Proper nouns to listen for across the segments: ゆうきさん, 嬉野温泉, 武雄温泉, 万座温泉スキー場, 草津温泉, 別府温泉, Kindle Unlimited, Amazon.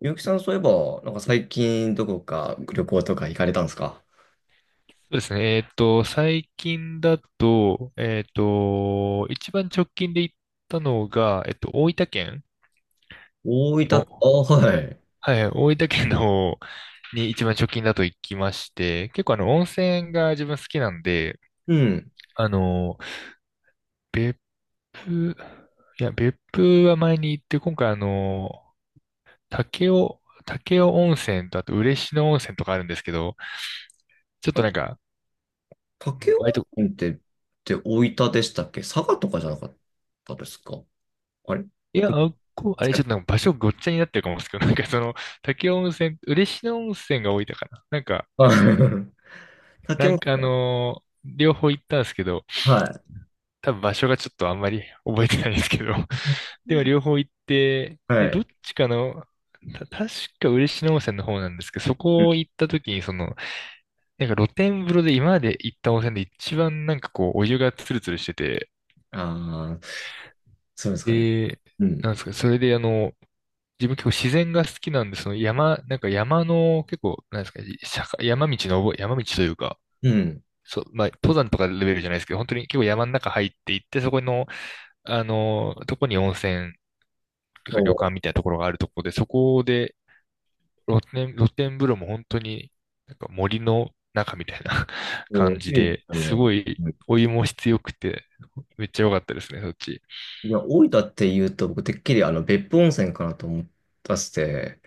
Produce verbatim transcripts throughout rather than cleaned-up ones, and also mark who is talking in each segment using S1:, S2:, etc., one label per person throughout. S1: ゆうきさん、そういえば、なんか最近どこか旅行とか行かれたんですか？
S2: そうですね。えっと、最近だと、えっと、一番直近で行ったのが、えっと、大分県の、
S1: 大分、あ、はい。
S2: はい、大分県の方に一番直近だと行きまして、結構あの、温泉が自分好きなんで、
S1: うん。
S2: あの、別府、いや、別府は前に行って、今回あの、武雄、武雄温泉と、あと嬉野温泉とかあるんですけど、ちょっ
S1: あ
S2: と
S1: れ、
S2: なんか、
S1: 武雄
S2: 割と
S1: 温泉って、って大分でしたっけ？佐賀とかじゃなかったですか？あれ、
S2: い
S1: ご
S2: や、
S1: め
S2: あ
S1: ん、
S2: っこ、あれ、
S1: 間違
S2: ちょっとなん
S1: え
S2: か場所ごっちゃになってるかもですけど、なんかその、滝温泉、嬉野温泉が多いたかな。なんか、
S1: た。あ、
S2: な
S1: 武雄、
S2: んかあのー両方行ったんですけど、
S1: は
S2: 多分場所がちょっとあんまり覚えてないんですけど、でも両方行って、
S1: い。
S2: で、
S1: は
S2: どっ
S1: い。
S2: ちかの、た、確か嬉野温泉の方なんですけど、そ
S1: うん。
S2: こ行った時に、その、なんか露天風呂で今まで行った温泉で一番なんかこう、お湯がツルツルしてて、
S1: ああ、そうですかね。
S2: で、
S1: う
S2: なん
S1: ん。
S2: ですか、それであの、自分結構自然が好きなんで、その山、なんか山の結構、なんですか、坂山道の、山道というか、
S1: うん。
S2: そう、まあ、登山とかレベルじゃないですけど、本当に結構山の中入っていって、そこの、あの、とこに温泉とか
S1: そ
S2: 旅館みたいなところがあるところで、そこで露天、露天風呂も本当になんか森の中みたいな
S1: う。もう、
S2: 感じ
S1: いいで
S2: で、
S1: す
S2: す
S1: ね。
S2: ごい
S1: うん。
S2: お湯も質よくて、めっちゃ良かったですね、そっち。
S1: いや、大分って言うと、僕、てっきりあの、別府温泉かなと思ったして、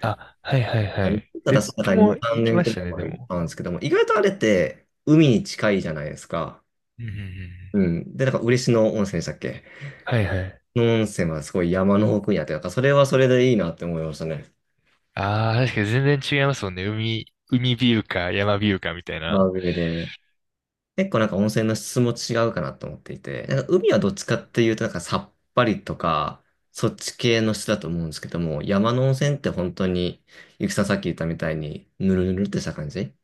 S2: あ、はいはい
S1: あ
S2: はい。
S1: ただ
S2: 別
S1: その
S2: 府
S1: 中に
S2: も
S1: に、
S2: 行
S1: 3
S2: き
S1: 年
S2: ま
S1: く
S2: した
S1: らい
S2: ね、で
S1: 前に
S2: も。
S1: あるんですけども、意外とあれって海に近いじゃないですか。
S2: うんうんうん。
S1: うん。で、なんか嬉野温泉でしたっけ、
S2: はいはい。
S1: の温泉はすごい山の奥にあって、なんかそれはそれでいいなって思いましたね。
S2: ああ、確かに全然違いますもんね。海、海ビューか山ビューかみたい
S1: まあ
S2: な。
S1: 上で。結構なんか温泉の質も違うかなと思っていて、なんか海はどっちかっていうとなんかさっぱりとか、そっち系の質だと思うんですけども、山の温泉って本当に、ゆきさんさっき言ったみたいに、ぬるぬるってした感じ、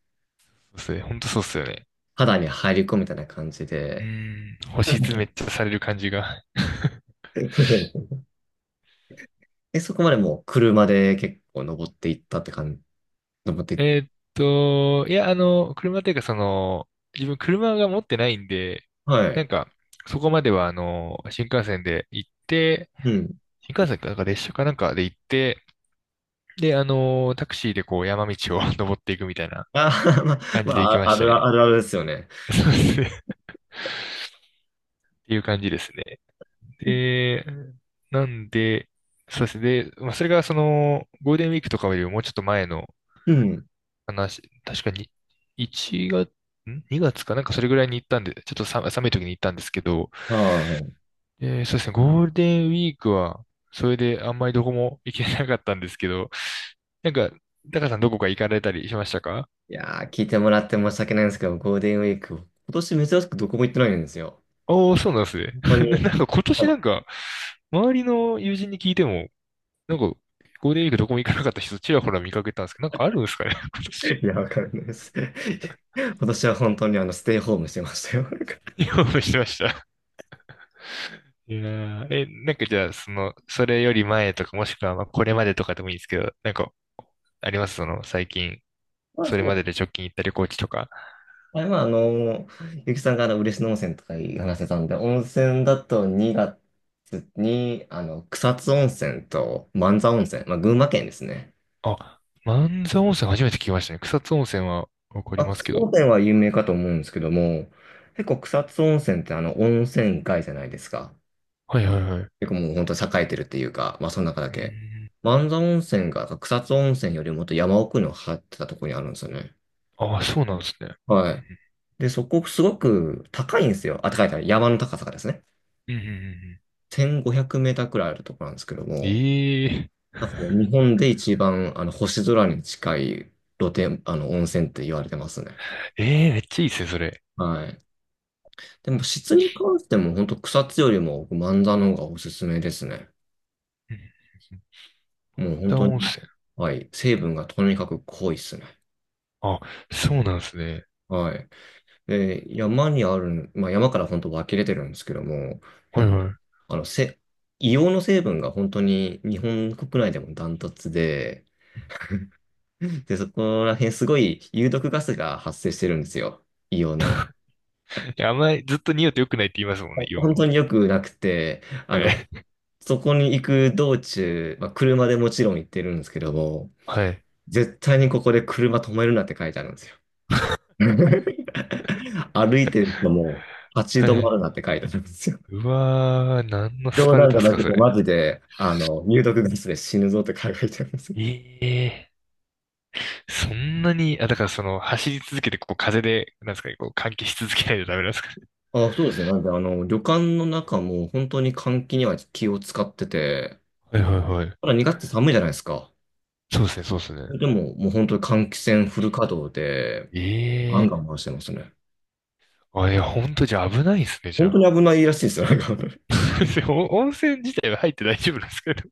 S2: そうっすね。ほんとそうっすよね。
S1: 肌に入り込むみたいな感じ
S2: うー
S1: で、
S2: ん、星詰めっちゃされる感じが。
S1: え、そこまでもう車で結構登っていったって感じ。登って、
S2: えーっと、いや、あの、車っていうかその、自分車が持ってないんで、
S1: は
S2: な
S1: い。
S2: んか、そこまではあの、新幹線で行って、
S1: うん。
S2: 新幹線か、なんか列車かなんかで行って、で、あの、タクシーでこう山道を 登っていくみたいな
S1: あー、まあ、
S2: 感
S1: ま
S2: じで行きま
S1: あ、あ
S2: した
S1: る
S2: ね。
S1: あるあるですよね。
S2: そうですね。っていう感じですね。で、なんで、そうですね。で、まあ、それがその、ゴールデンウィークとかよりももうちょっと前の
S1: うん。
S2: 話、確かに、いちがつ、ん ?に 月かなんかそれぐらいに行ったんで、ちょっとさ寒い時に行ったんですけど、
S1: は
S2: えーそうですね、ゴールデンウィークは、それであんまりどこも行けなかったんですけど、なんか、タカさんどこか行かれたりしましたか？
S1: い。いやー、聞いてもらって申し訳ないんですけど、ゴールデンウィーク、今年珍しくどこも行ってないんですよ。
S2: おー、そうなんですね。
S1: 本当
S2: な
S1: に。
S2: なんか今年なんか、周りの友人に聞いても、なんか、ゴールデンウィークどこも行かなかった人ちらほら見かけたんですけど、なんかあるんですかね、今年。
S1: いや、わかんないです。今年は本当にあの、ステイホームしてましたよ。
S2: 興味してました。いやー、え、なんかじゃあ、その、それより前とか、もしくは、まあ、これまでとかでもいいんですけど、なんか、ありますその、最近、それまで で直近行った旅行地とか。
S1: あれは、あの、ゆきさんがあの嬉野温泉とか話せたんで、温泉だとにがつに、あの、草津温泉と万座温泉、まあ、群馬県ですね。
S2: あ、万座温泉初めて聞きましたね。草津温泉はわか
S1: ま
S2: り
S1: あ、
S2: ます
S1: 草
S2: け
S1: 津
S2: ど。
S1: 温泉は有名かと思うんですけども、結構草津温泉ってあの、温泉街じゃないですか。
S2: はいはいはい。う
S1: 結構もう本当栄えてるっていうか、まあ、その中だ
S2: ー
S1: け。
S2: ん。
S1: 万座温泉が草津温泉よりもっと山奥の張ってたところにあるんですよね。
S2: ああ、そうなんですね。
S1: はい。で、そこすごく高いんですよ。あ、高い高い。山の高さがですね、
S2: うんうん。うんうんうんうん
S1: せんごひゃくメーターくらいあるところなんですけども、
S2: え
S1: なんかもう
S2: え
S1: 日 本で一番あの星空に近い露天、あの温泉って言われてますね。
S2: ええ、めっちゃいいですね、それ。
S1: はい。でも質に関しても本当草津よりも僕万座の方がおすすめですね。
S2: うんうんうん
S1: もう
S2: 半
S1: 本
S2: 田
S1: 当
S2: 温
S1: に、
S2: 泉。
S1: はい。成分がとにかく濃いですね。
S2: あ、そうなんですね。
S1: はい。で、山にある、まあ山から本当湧き出てるんですけども、
S2: はい
S1: 結構
S2: は
S1: あの、せ、硫黄の成分が本当に日本国内でもダントツで、で、そこら辺すごい有毒ガスが発生してるんですよ。硫黄の。
S2: い。いや、あんまりずっと匂うと良くないって言いますもんね、硫
S1: 本
S2: 黄
S1: 当
S2: の。
S1: によくなくて、あ
S2: は
S1: の、
S2: い。
S1: そこに行く道中、まあ、車でもちろん行ってるんですけども、
S2: はい。
S1: 絶対にここで車止めるなって書いてあるんですよ。歩いてる人も立
S2: は
S1: ち止ま
S2: い。
S1: るなって書いてあるんですよ。
S2: うわー、何のス
S1: 冗
S2: パル
S1: 談じ
S2: タっ
S1: ゃ
S2: す
S1: な
S2: か、
S1: く
S2: そ
S1: て、
S2: れ？
S1: マジで、あの、有毒ガスで死ぬぞって書いてあるんですよ。
S2: ええそんなに、あ、だからその、走り続けて、こう、風で、なんですかね、こう、換気し続けないとダメなんですかね？
S1: あ、そうですね。なんで、あの、旅館の中も本当に換気には気を使ってて、
S2: はいはいはい。
S1: ほら、にがつって寒いじゃないですか。
S2: そうですね、そうですね。
S1: でも、もう本当に換気扇フル稼働で、ガ
S2: え
S1: ンガン回してますね。
S2: あ、いや、ほんとじゃあ危ないですね、じゃ
S1: 本当に
S2: あ。
S1: 危ないらしいですよ。なんか、
S2: お温泉自体は入って大丈夫なんですけど。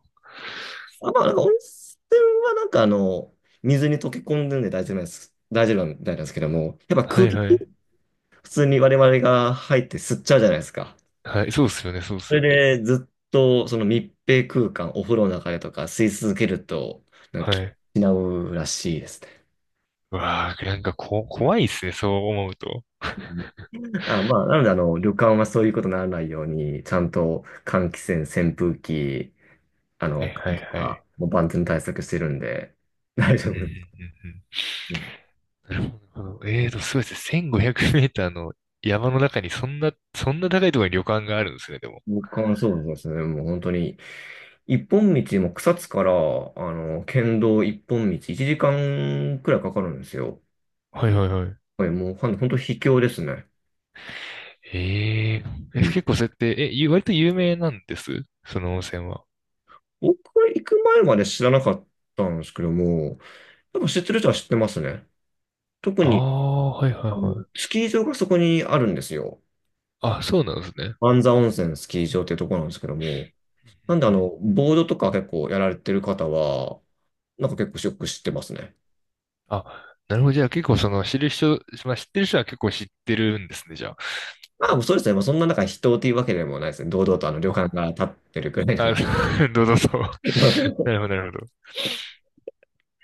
S1: あ、まあ、なんか温泉はなんかあの、水に溶け込んでるんで大丈夫なんです。大丈夫みたいなんですけども、やっぱ
S2: は
S1: 空
S2: い
S1: 気、
S2: はい。
S1: 普通に我々が入って吸っちゃうじゃないですか。
S2: はい、そうっすよね、そうっ
S1: そ
S2: すよね。
S1: れでずっとその密閉空間、お風呂の中でとか吸い続けると、なんか
S2: はい。
S1: 失うらしいですね。
S2: うわあ、なんかこ、怖いっすね、そう思うと。
S1: あ、まあ、なので、あの、旅館はそういうことにならないように、ちゃんと換気扇、扇風機、あ
S2: はい
S1: の、
S2: はい
S1: と
S2: はい。
S1: か、もう万全対策してるんで、大丈
S2: う
S1: 夫
S2: んう
S1: です。うん。
S2: んうんうん。なるほど。なるほどえーと、そうですね。せんごひゃくメーターの山の中にそんな、そんな高いところに旅館があるんですね、でも。
S1: 僕はそうですね。もう本当に、一本道も草津から、あの、県道一本道、いちじかんくらいかかるんですよ。
S2: はいはいはい。
S1: これもうほん本当秘境ですね。
S2: えええ、
S1: うん。
S2: 結構そうやって、え、ゆ割と有名なんですその温泉は？
S1: 僕は行く前まで知らなかったんですけども、やっぱ知ってる人は知ってますね。特
S2: あ
S1: に、
S2: あ、はいはい
S1: あの、
S2: はい。
S1: スキー場がそこにあるんですよ。
S2: あ、そうなんですね。
S1: 万座温泉スキー場っていうところなんですけども、
S2: う
S1: なんで
S2: ん
S1: あ
S2: うんうん
S1: の、ボードとか結構やられてる方は、なんか結構ショックしてますね。
S2: あ、なるほど。じゃあ結構その知る人、まあ、知ってる人は結構知ってるんですね、じゃ
S1: まあ、そうですね。まあ、そんな中人っていうわけでもないですね。堂々とあの旅館
S2: あ。
S1: が立ってるくらいな
S2: あ、
S1: ので。
S2: あ どうぞどうぞ。な るほど、なるほど。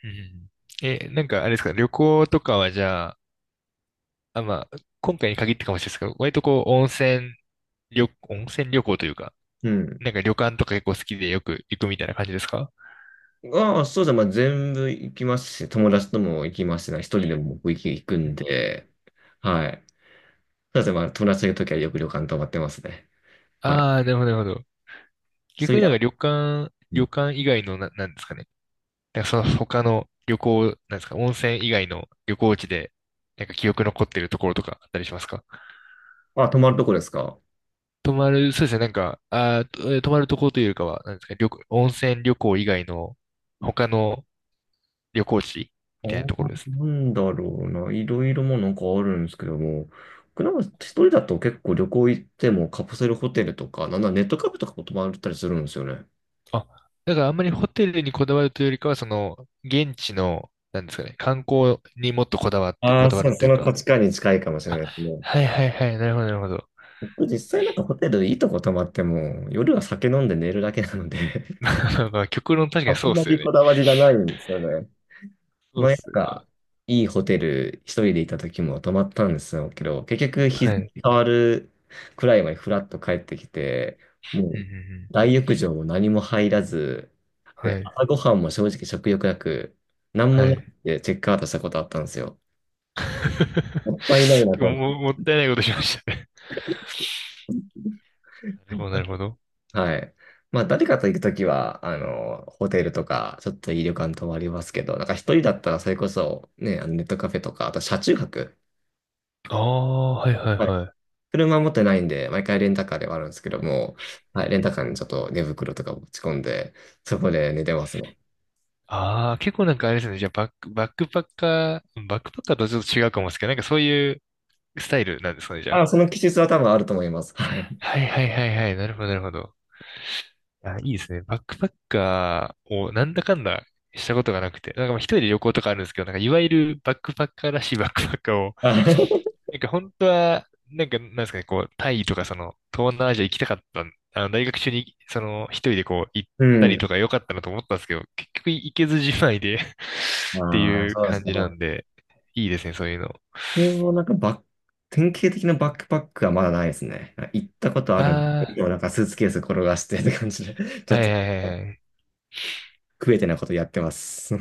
S2: うん。え、なんかあれですか、旅行とかはじゃあ、あ、まあ、今回に限ってかもしれないですけど、割とこう、温泉旅、温泉旅行というか、
S1: うん。
S2: なんか旅館とか結構好きでよく行くみたいな感じですか？
S1: まあ、そうですね。まあ、全部行きますし、友達とも行きますし、一人でも僕行き行くんで、はい。そうですね。まあ、友達といるときはよく旅館泊まってますね。はい。
S2: ああー、なるほど、なるほど。
S1: そ
S2: 逆
S1: うい
S2: に
S1: う意味で
S2: なんか
S1: は、
S2: 旅館、
S1: うん。
S2: 旅館以外のな、なんですかね。なんかその他の旅行、なんですか、温泉以外の旅行地で、なんか記憶残ってるところとかあったりしますか？
S1: あ、泊まるとこですか？
S2: 泊まる、そうですね、なんか、あー、とえー泊まるところというよりかは、なんですか、旅行、温泉旅行以外の他の旅行地
S1: あ
S2: みたいな
S1: ー、
S2: ところですね。
S1: なんだろうな。いろいろもうなんかあるんですけども、僕なんか一人だと結構旅行行ってもカプセルホテルとか、なんならネットカフェとかも泊まったりするんですよね。
S2: あ、だからあんまりホテルにこだわるというよりかは、その、現地の、なんですかね、観光にもっとこだわって、こ
S1: ま
S2: だわ
S1: さ
S2: る
S1: に
S2: と
S1: そ
S2: いう
S1: の
S2: か、
S1: 価値観に近いかもしれないですね。
S2: はいはいはい、なるほど、なるほど。
S1: 僕実際なんかホテルいいとこ泊まっても、夜は酒飲んで寝るだけなので、
S2: なんか、極論確か
S1: あ
S2: に
S1: ん
S2: そうっ
S1: ま
S2: すよ
S1: り
S2: ね。
S1: こだわりがないんですよね。
S2: そうっ
S1: 前な
S2: す
S1: ん
S2: よね。
S1: か、いいホテル一人でいた時も泊まったんですよけど、結局日
S2: は
S1: 付
S2: い。
S1: 変わるくらいまでフラッと帰ってきて、
S2: う
S1: も
S2: んう
S1: う
S2: ん
S1: 大浴場も何も入らず、
S2: うん。は
S1: で、
S2: い。
S1: 朝ごはんも正直食欲なく、何も
S2: は
S1: な
S2: い。
S1: くてチェックアウトしたことあったんですよ。もったいない な
S2: 今日
S1: と。
S2: も、もったいないことしましたね。なるほど、なるほど。
S1: はい。まあ、誰かと行くときは、あの、ホテルとか、ちょっといい旅館泊まりますけど、なんか一人だったらそれこそ、ね、あのネットカフェとか、あと車中泊。
S2: ああ、はいはい
S1: はい。
S2: はい。
S1: 車持ってないんで、毎回レンタカーではあるんですけども、はい、レンタカーにちょっと寝袋とか持ち込んで、そこで寝てますね。
S2: ああ、結構なんかあれですね。じゃあ、バック、バックパッカー、バックパッカーとはちょっと違うかもですけど、なんかそういうスタイルなんですかね、じゃあ。
S1: あ、その気質は多分あると思います。はい。
S2: はいはいはいはい。なるほど、なるほど。いや、いいですね。バックパッカーをなんだかんだしたことがなくて、なんかまあ一人で旅行とかあるんですけど、なんかいわゆるバックパッカーらしい バックパッカーを、
S1: あ、
S2: なんか本当は、なんかなんですかね、こう、タイとかその、東南アジア行きたかったん、あの、大学中に、その、一人でこう、行っ
S1: う
S2: たり
S1: ん。
S2: とか良かったなと思ったんですけど、結局行けずじまいで って
S1: ああ、
S2: いう
S1: そうです
S2: 感
S1: か。
S2: じな
S1: こ
S2: んで、いいですね、そういうの。
S1: う、なんかバック、典型的なバックパックはまだないですね。行ったことあるんで、
S2: あ
S1: でもなんかスーツケース転がしてって感じで、ち
S2: あ、
S1: ょっ
S2: は
S1: と。
S2: いはいはいはい。
S1: 食えてないことやってます。